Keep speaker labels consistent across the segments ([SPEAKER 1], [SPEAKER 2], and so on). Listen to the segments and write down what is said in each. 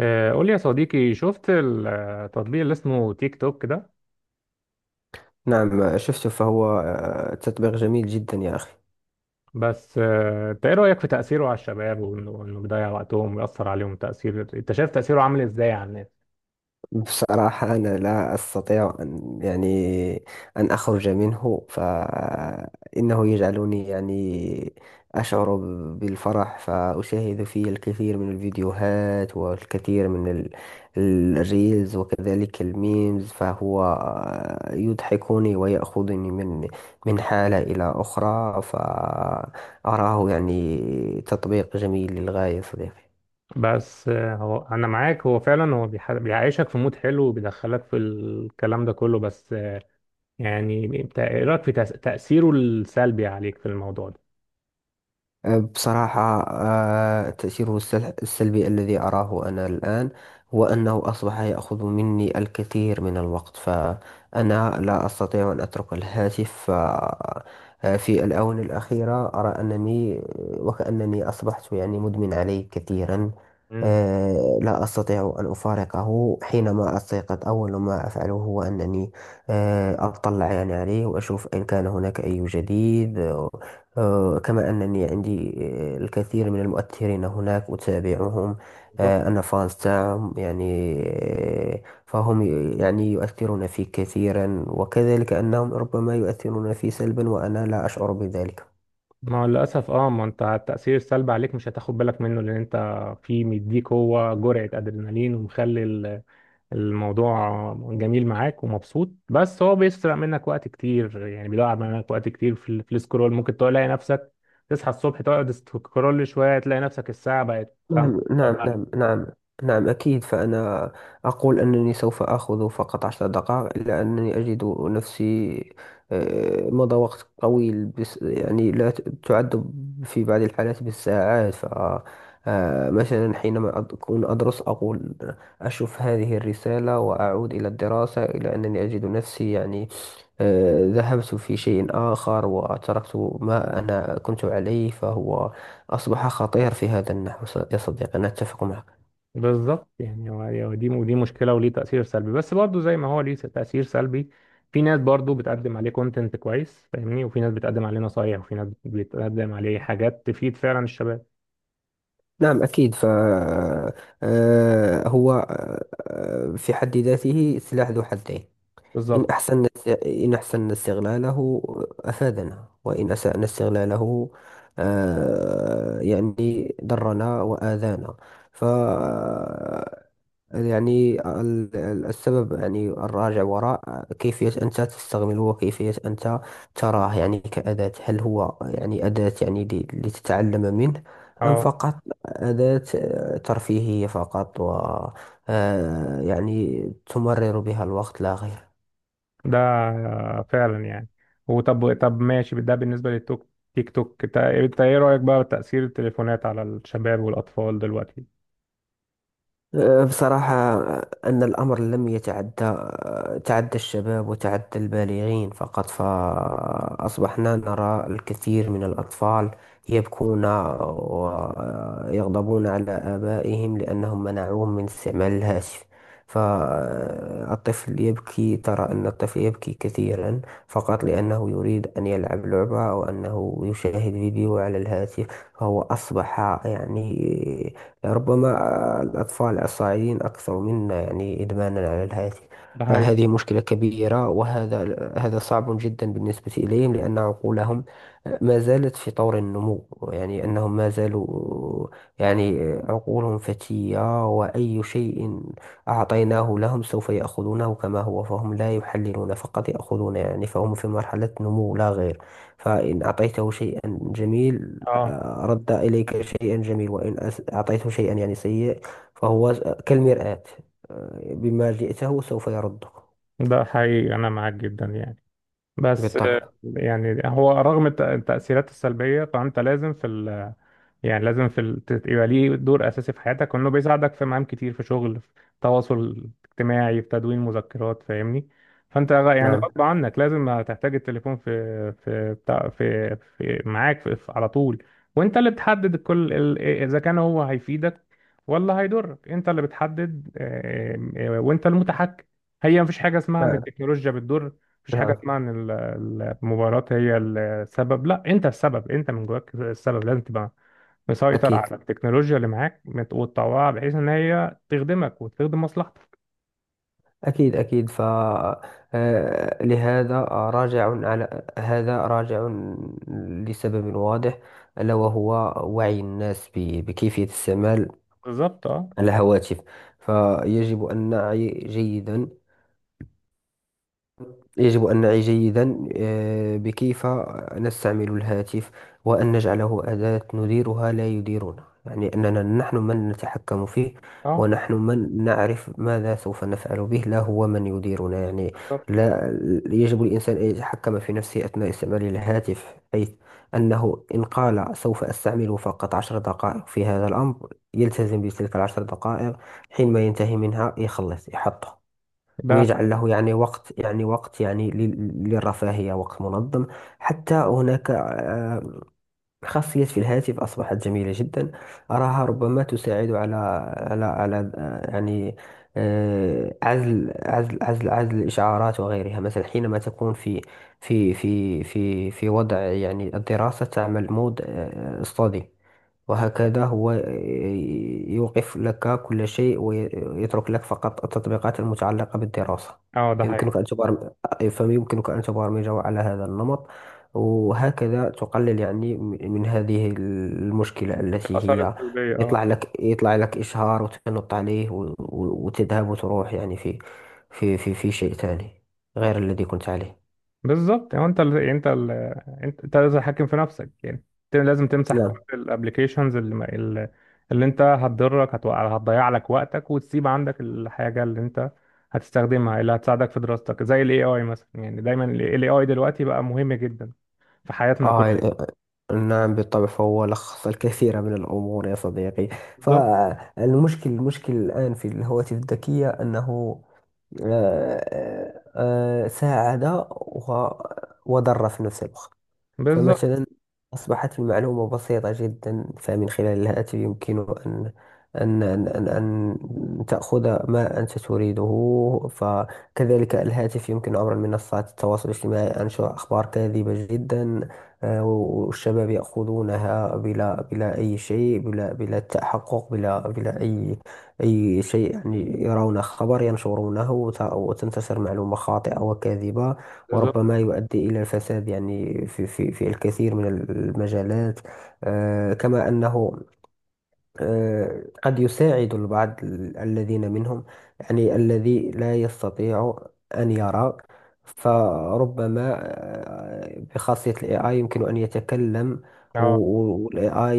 [SPEAKER 1] قول لي يا صديقي، شفت التطبيق اللي اسمه تيك توك ده؟
[SPEAKER 2] نعم، شفته، فهو تطبيق جميل جدا يا أخي.
[SPEAKER 1] بس انت ايه رأيك في تأثيره على الشباب وانه بيضيع وقتهم ويأثر عليهم تأثير؟ انت شايف تأثيره عامل ازاي على الناس؟
[SPEAKER 2] بصراحة، أنا لا أستطيع أن أن أخرج منه، فإنه يجعلني أشعر بالفرح، فأشاهد فيه الكثير من الفيديوهات والكثير من الريلز، وكذلك الميمز، فهو يضحكني ويأخذني من حالة إلى أخرى، فأراه تطبيق جميل للغاية، صديقي.
[SPEAKER 1] بس هو انا معاك، هو فعلا هو بيعيشك في مود حلو وبيدخلك في الكلام ده كله. بس يعني انت ايه رأيك في تأثيره السلبي عليك في الموضوع ده؟
[SPEAKER 2] بصراحة، تأثيره السلبي الذي أراه أنا الآن هو أنه أصبح يأخذ مني الكثير من الوقت، فأنا لا أستطيع أن أترك الهاتف. في الآونة الأخيرة أرى أنني وكأنني أصبحت مدمن عليه كثيرا.
[SPEAKER 1] امم
[SPEAKER 2] لا أستطيع أن أفارقه. حينما أستيقظ، أول ما أفعله هو أنني أطلع عليه وأشوف إن كان هناك أي جديد. كما أنني عندي الكثير من المؤثرين هناك أتابعهم.
[SPEAKER 1] بالظبط.
[SPEAKER 2] أنا فانز تاعهم، فهم يؤثرون في كثيرا، وكذلك أنهم ربما يؤثرون في سلبا، وأنا لا أشعر بذلك.
[SPEAKER 1] ما هو للأسف اه، ما انت التأثير السلبي عليك مش هتاخد بالك منه، لأن انت في مديك هو جرعة أدرينالين ومخلي الموضوع جميل معاك ومبسوط، بس هو بيسرق منك وقت كتير، يعني بيضيع منك وقت كتير في في السكرول. ممكن تلاقي نفسك تصحى الصبح تقعد سكرول شوية تلاقي نفسك الساعة بقت خمسة.
[SPEAKER 2] نعم، نعم، نعم، نعم. نعم، أكيد. فأنا أقول أنني سوف آخذ فقط عشر دقائق، إلا أنني أجد نفسي مضى وقت طويل، بس لا تعد في بعض الحالات بالساعات. ف آه، مثلا، حينما أكون أدرس، أقول أشوف هذه الرسالة وأعود إلى الدراسة، إلى أنني أجد نفسي، ذهبت في شيء آخر وتركت ما أنا كنت عليه. فهو أصبح خطير في هذا النحو. يا صديقي، أنا أتفق معك.
[SPEAKER 1] بالظبط، يعني هو دي، ودي مشكلة وليه تأثير سلبي. بس برضه زي ما هو ليه تأثير سلبي، في ناس برضه بتقدم عليه كونتنت كويس، فاهمني، وفي ناس بتقدم عليه نصايح، وفي ناس بتقدم عليه حاجات تفيد فعلا الشباب.
[SPEAKER 2] نعم، أكيد، فهو في حد ذاته سلاح ذو حدين. إن
[SPEAKER 1] بالظبط
[SPEAKER 2] أحسن إن أحسن استغلاله أفادنا، وإن أسأنا استغلاله، ضرنا وآذانا. ف السبب، الراجع وراء كيفية أنت تستعمله وكيفية أنت تراه، كأداة. هل هو أداة، لتتعلم منه، أم
[SPEAKER 1] اه.
[SPEAKER 2] فقط أداة ترفيهية فقط، و تمرر بها الوقت لا غير.
[SPEAKER 1] ده فعلا يعني. وطب، طب ماشي، ده بالنسبة للتوك، تيك توك، انت ايه رأيك بقى بتأثير التليفونات على الشباب والأطفال دلوقتي؟
[SPEAKER 2] بصراحة، أن الأمر لم يتعدى. تعدى الشباب وتعدى البالغين فقط، فأصبحنا نرى الكثير من الأطفال يبكون ويغضبون على آبائهم لأنهم منعوهم من استعمال الهاتف. فالطفل يبكي. ترى أن الطفل يبكي كثيرا فقط لأنه يريد أن يلعب لعبة أو أنه يشاهد فيديو على الهاتف. فهو أصبح، يعني ربما الأطفال الصاعدين أكثر منا إدمانا على الهاتف.
[SPEAKER 1] ده حقيقي.
[SPEAKER 2] فهذه مشكلة كبيرة، وهذا صعب جدا بالنسبة إليهم، لأن عقولهم ما زالت في طور النمو. أنهم ما زالوا، يعني عقولهم فتية، وأي شيء أعطيناه لهم سوف يأخذونه كما هو. فهم لا يحللون، فقط يأخذون، فهم في مرحلة نمو لا غير. فإن أعطيته شيئا جميل،
[SPEAKER 1] اه،
[SPEAKER 2] رد إليك شيئا جميل، وإن أعطيته شيئا سيء، فهو كالمرآة، بما جئته سوف يردك.
[SPEAKER 1] ده حقيقي، انا معاك جدا يعني. بس
[SPEAKER 2] بالطبع.
[SPEAKER 1] يعني هو رغم التأثيرات السلبية، فأنت لازم في ال، يعني لازم في ال... يبقى ليه دور اساسي في حياتك، وانه بيساعدك في مهام كتير، في شغل، في تواصل اجتماعي، في تدوين مذكرات، فاهمني. فانت يعني
[SPEAKER 2] نعم،
[SPEAKER 1] غصب عنك لازم هتحتاج التليفون في بتاع، في معاك في... في... على طول. وانت اللي بتحدد كل ال... اذا كان هو هيفيدك ولا هيضرك، انت اللي بتحدد. آم، آه، وانت المتحكم. هي مفيش حاجه اسمها ان
[SPEAKER 2] نعم،
[SPEAKER 1] التكنولوجيا بتضر، مفيش حاجه
[SPEAKER 2] نعم.
[SPEAKER 1] اسمها ان ال- المباراه هي السبب. لا، انت السبب، انت من جواك السبب، لازم تبقى مسيطر على
[SPEAKER 2] أكيد،
[SPEAKER 1] التكنولوجيا اللي معاك، وتطوعها بحيث ان هي تخدمك وتخدم مصلحتك.
[SPEAKER 2] أكيد، أكيد. ف آه، لهذا راجع على هذا راجع لسبب واضح، ألا وهو وعي الناس بكيفية استعمال
[SPEAKER 1] بالظبط اه.
[SPEAKER 2] الهواتف. فيجب أن نعي جيدا يجب أن نعي جيدا، بكيف نستعمل الهاتف، وأن نجعله أداة نديرها لا يديرنا. أننا نحن من نتحكم فيه،
[SPEAKER 1] اه
[SPEAKER 2] ونحن من نعرف ماذا سوف نفعل به، لا هو من يديرنا،
[SPEAKER 1] بالظبط.
[SPEAKER 2] لا. يجب الإنسان أن يتحكم في نفسه أثناء استعمال الهاتف، حيث أنه إن قال سوف أستعمل فقط عشر دقائق في هذا الأمر، يلتزم بتلك العشر دقائق. حينما ينتهي منها يخلص يحطه،
[SPEAKER 1] ده
[SPEAKER 2] ويجعل له وقت، وقت، للرفاهية، وقت منظم. حتى هناك خاصية في الهاتف أصبحت جميلة جدا. أراها ربما تساعد على عزل الإشعارات وغيرها. مثلا، حينما تكون في وضع الدراسة، تعمل مود study، وهكذا هو يوقف لك كل شيء ويترك لك فقط التطبيقات المتعلقة بالدراسة.
[SPEAKER 1] اه، ده
[SPEAKER 2] فيمكنك
[SPEAKER 1] حقيقي.
[SPEAKER 2] أن تبرم... فيمكنك أن تبرمجه على هذا النمط، وهكذا تقلل من هذه المشكلة، التي
[SPEAKER 1] الاثار
[SPEAKER 2] هي
[SPEAKER 1] السلبيه اه.
[SPEAKER 2] يطلع لك إشهار وتنط عليه، وتذهب وتروح في شيء ثاني غير الذي كنت عليه.
[SPEAKER 1] بالظبط يعني انت ال... انت ال... انت لازم تحكم في نفسك يعني. انت لازم تمسح كل
[SPEAKER 2] نعم.
[SPEAKER 1] الابلكيشنز اللي, ما- اللي اللي انت هتضرك، هتوقع هتضيع لك وقتك، وتسيب عندك الحاجه اللي انت هتستخدمها، اللي هتساعدك في دراستك، زي الاي اي مثلا. يعني دايما الاي اي دلوقتي بقى مهم جدا في حياتنا كلنا.
[SPEAKER 2] آه نعم، بالطبع. فهو لخص الكثير من الأمور يا صديقي.
[SPEAKER 1] بالظبط
[SPEAKER 2] فالمشكل الآن في الهواتف الذكية أنه آه، آه، ساعد وضر في نفس الوقت.
[SPEAKER 1] بالظبط
[SPEAKER 2] فمثلا، أصبحت المعلومة بسيطة جدا، فمن خلال الهاتف يمكن أن أن تأخذ ما أنت تريده. فكذلك الهاتف، يمكن عبر منصات التواصل الاجتماعي أنشر أخبار كاذبة جدا. والشباب يأخذونها بلا أي شيء، بلا تحقق، بلا أي شيء. يرون خبر ينشرونه، وتنتشر معلومة خاطئة وكاذبة،
[SPEAKER 1] بالظبط.
[SPEAKER 2] وربما يؤدي إلى الفساد في الكثير من المجالات. كما أنه قد يساعد البعض، الذين منهم الذي لا يستطيع أن يرى، فربما بخاصية ال AI يمكن أن يتكلم، وال AI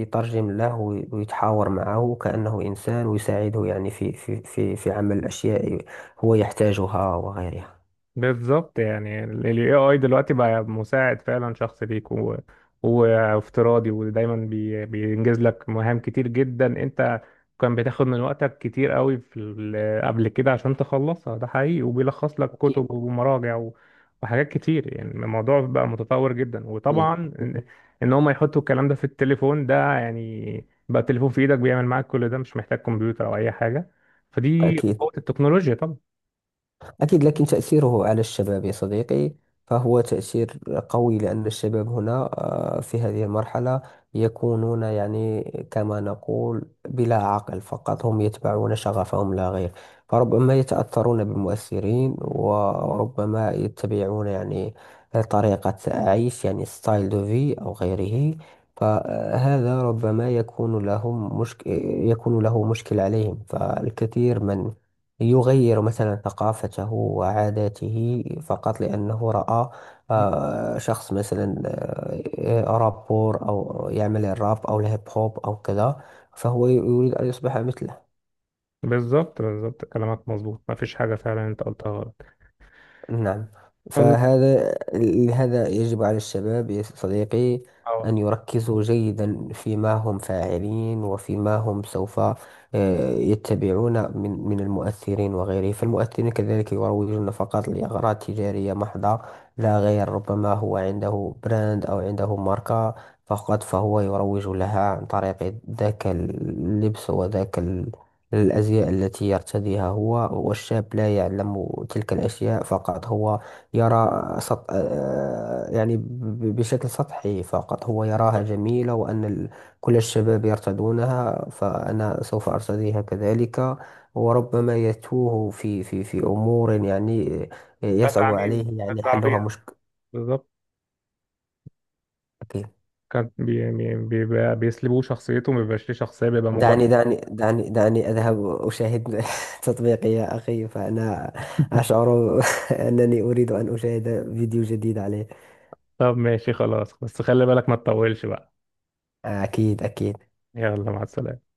[SPEAKER 2] يترجم له، ويتحاور معه كأنه إنسان، ويساعده في عمل الأشياء هو يحتاجها وغيرها.
[SPEAKER 1] بالظبط يعني ال AI دلوقتي بقى مساعد فعلا شخص ليك و... وافتراضي، ودايما بي... بينجز لك مهام كتير جدا انت كان بتاخد من وقتك كتير قوي في ال... قبل كده عشان تخلصها. ده حقيقي. وبيلخص لك
[SPEAKER 2] أكيد،
[SPEAKER 1] كتب ومراجع و... وحاجات كتير. يعني الموضوع بقى متطور جدا، وطبعا
[SPEAKER 2] أكيد،
[SPEAKER 1] ان إن هم يحطوا الكلام ده في التليفون ده، يعني بقى التليفون في ايدك بيعمل معاك كل ده، مش محتاج كمبيوتر او اي حاجة. فدي
[SPEAKER 2] أكيد،
[SPEAKER 1] قوة التكنولوجيا طبعا.
[SPEAKER 2] أكيد. لكن تأثيره على الشباب يا صديقي، فهو تأثير قوي، لأن الشباب هنا في هذه المرحلة يكونون، كما نقول، بلا عقل. فقط هم يتبعون شغفهم لا غير. فربما يتأثرون بمؤثرين، وربما يتبعون طريقة عيش، ستايل دو في أو غيره. فهذا ربما يكون له مشكل عليهم. فالكثير من يغير مثلا ثقافته وعاداته فقط لأنه رأى شخص مثلا، رابور أو يعمل الراب أو الهيب هوب أو كذا، فهو يريد أن يصبح مثله.
[SPEAKER 1] بالظبط بالظبط. كلامك مظبوط، ما فيش حاجة فعلا انت قلتها غلط.
[SPEAKER 2] نعم.
[SPEAKER 1] ال-
[SPEAKER 2] لهذا يجب على الشباب يا صديقي
[SPEAKER 1] اه.
[SPEAKER 2] أن يركزوا جيدا فيما هم فاعلين، وفيما هم سوف يتبعون من المؤثرين وغيره. فالمؤثرين كذلك يروجون فقط لأغراض تجارية محضة لا غير. ربما هو عنده براند أو عنده ماركة فقط، فهو يروج لها عن طريق ذاك اللبس وذاك الأزياء التي يرتديها هو، والشاب لا يعلم تلك الأشياء، فقط هو يرى سط... آه، يعني ب- بشكل سطحي فقط، هو يراها جميلة، وأن كل الشباب يرتدونها، فأنا سوف أرتديها كذلك. وربما يتوه في أمور،
[SPEAKER 1] ده
[SPEAKER 2] يصعب
[SPEAKER 1] تعميم،
[SPEAKER 2] عليه
[SPEAKER 1] ده
[SPEAKER 2] حلها،
[SPEAKER 1] تعبير.
[SPEAKER 2] مشكل.
[SPEAKER 1] بالظبط. كان بي بيبقى بيسلبوه شخصيته، ما بيبقاش ليه شخصية، بيبقى مجرد.
[SPEAKER 2] دعني، دعني، دعني، دعني أذهب أشاهد تطبيقي يا أخي، فأنا أشعر أنني أريد أن أشاهد فيديو جديد عليه.
[SPEAKER 1] طب ماشي خلاص، بس خلي بالك ما تطولش بقى.
[SPEAKER 2] أكيد، أكيد.
[SPEAKER 1] يلا، مع السلامة.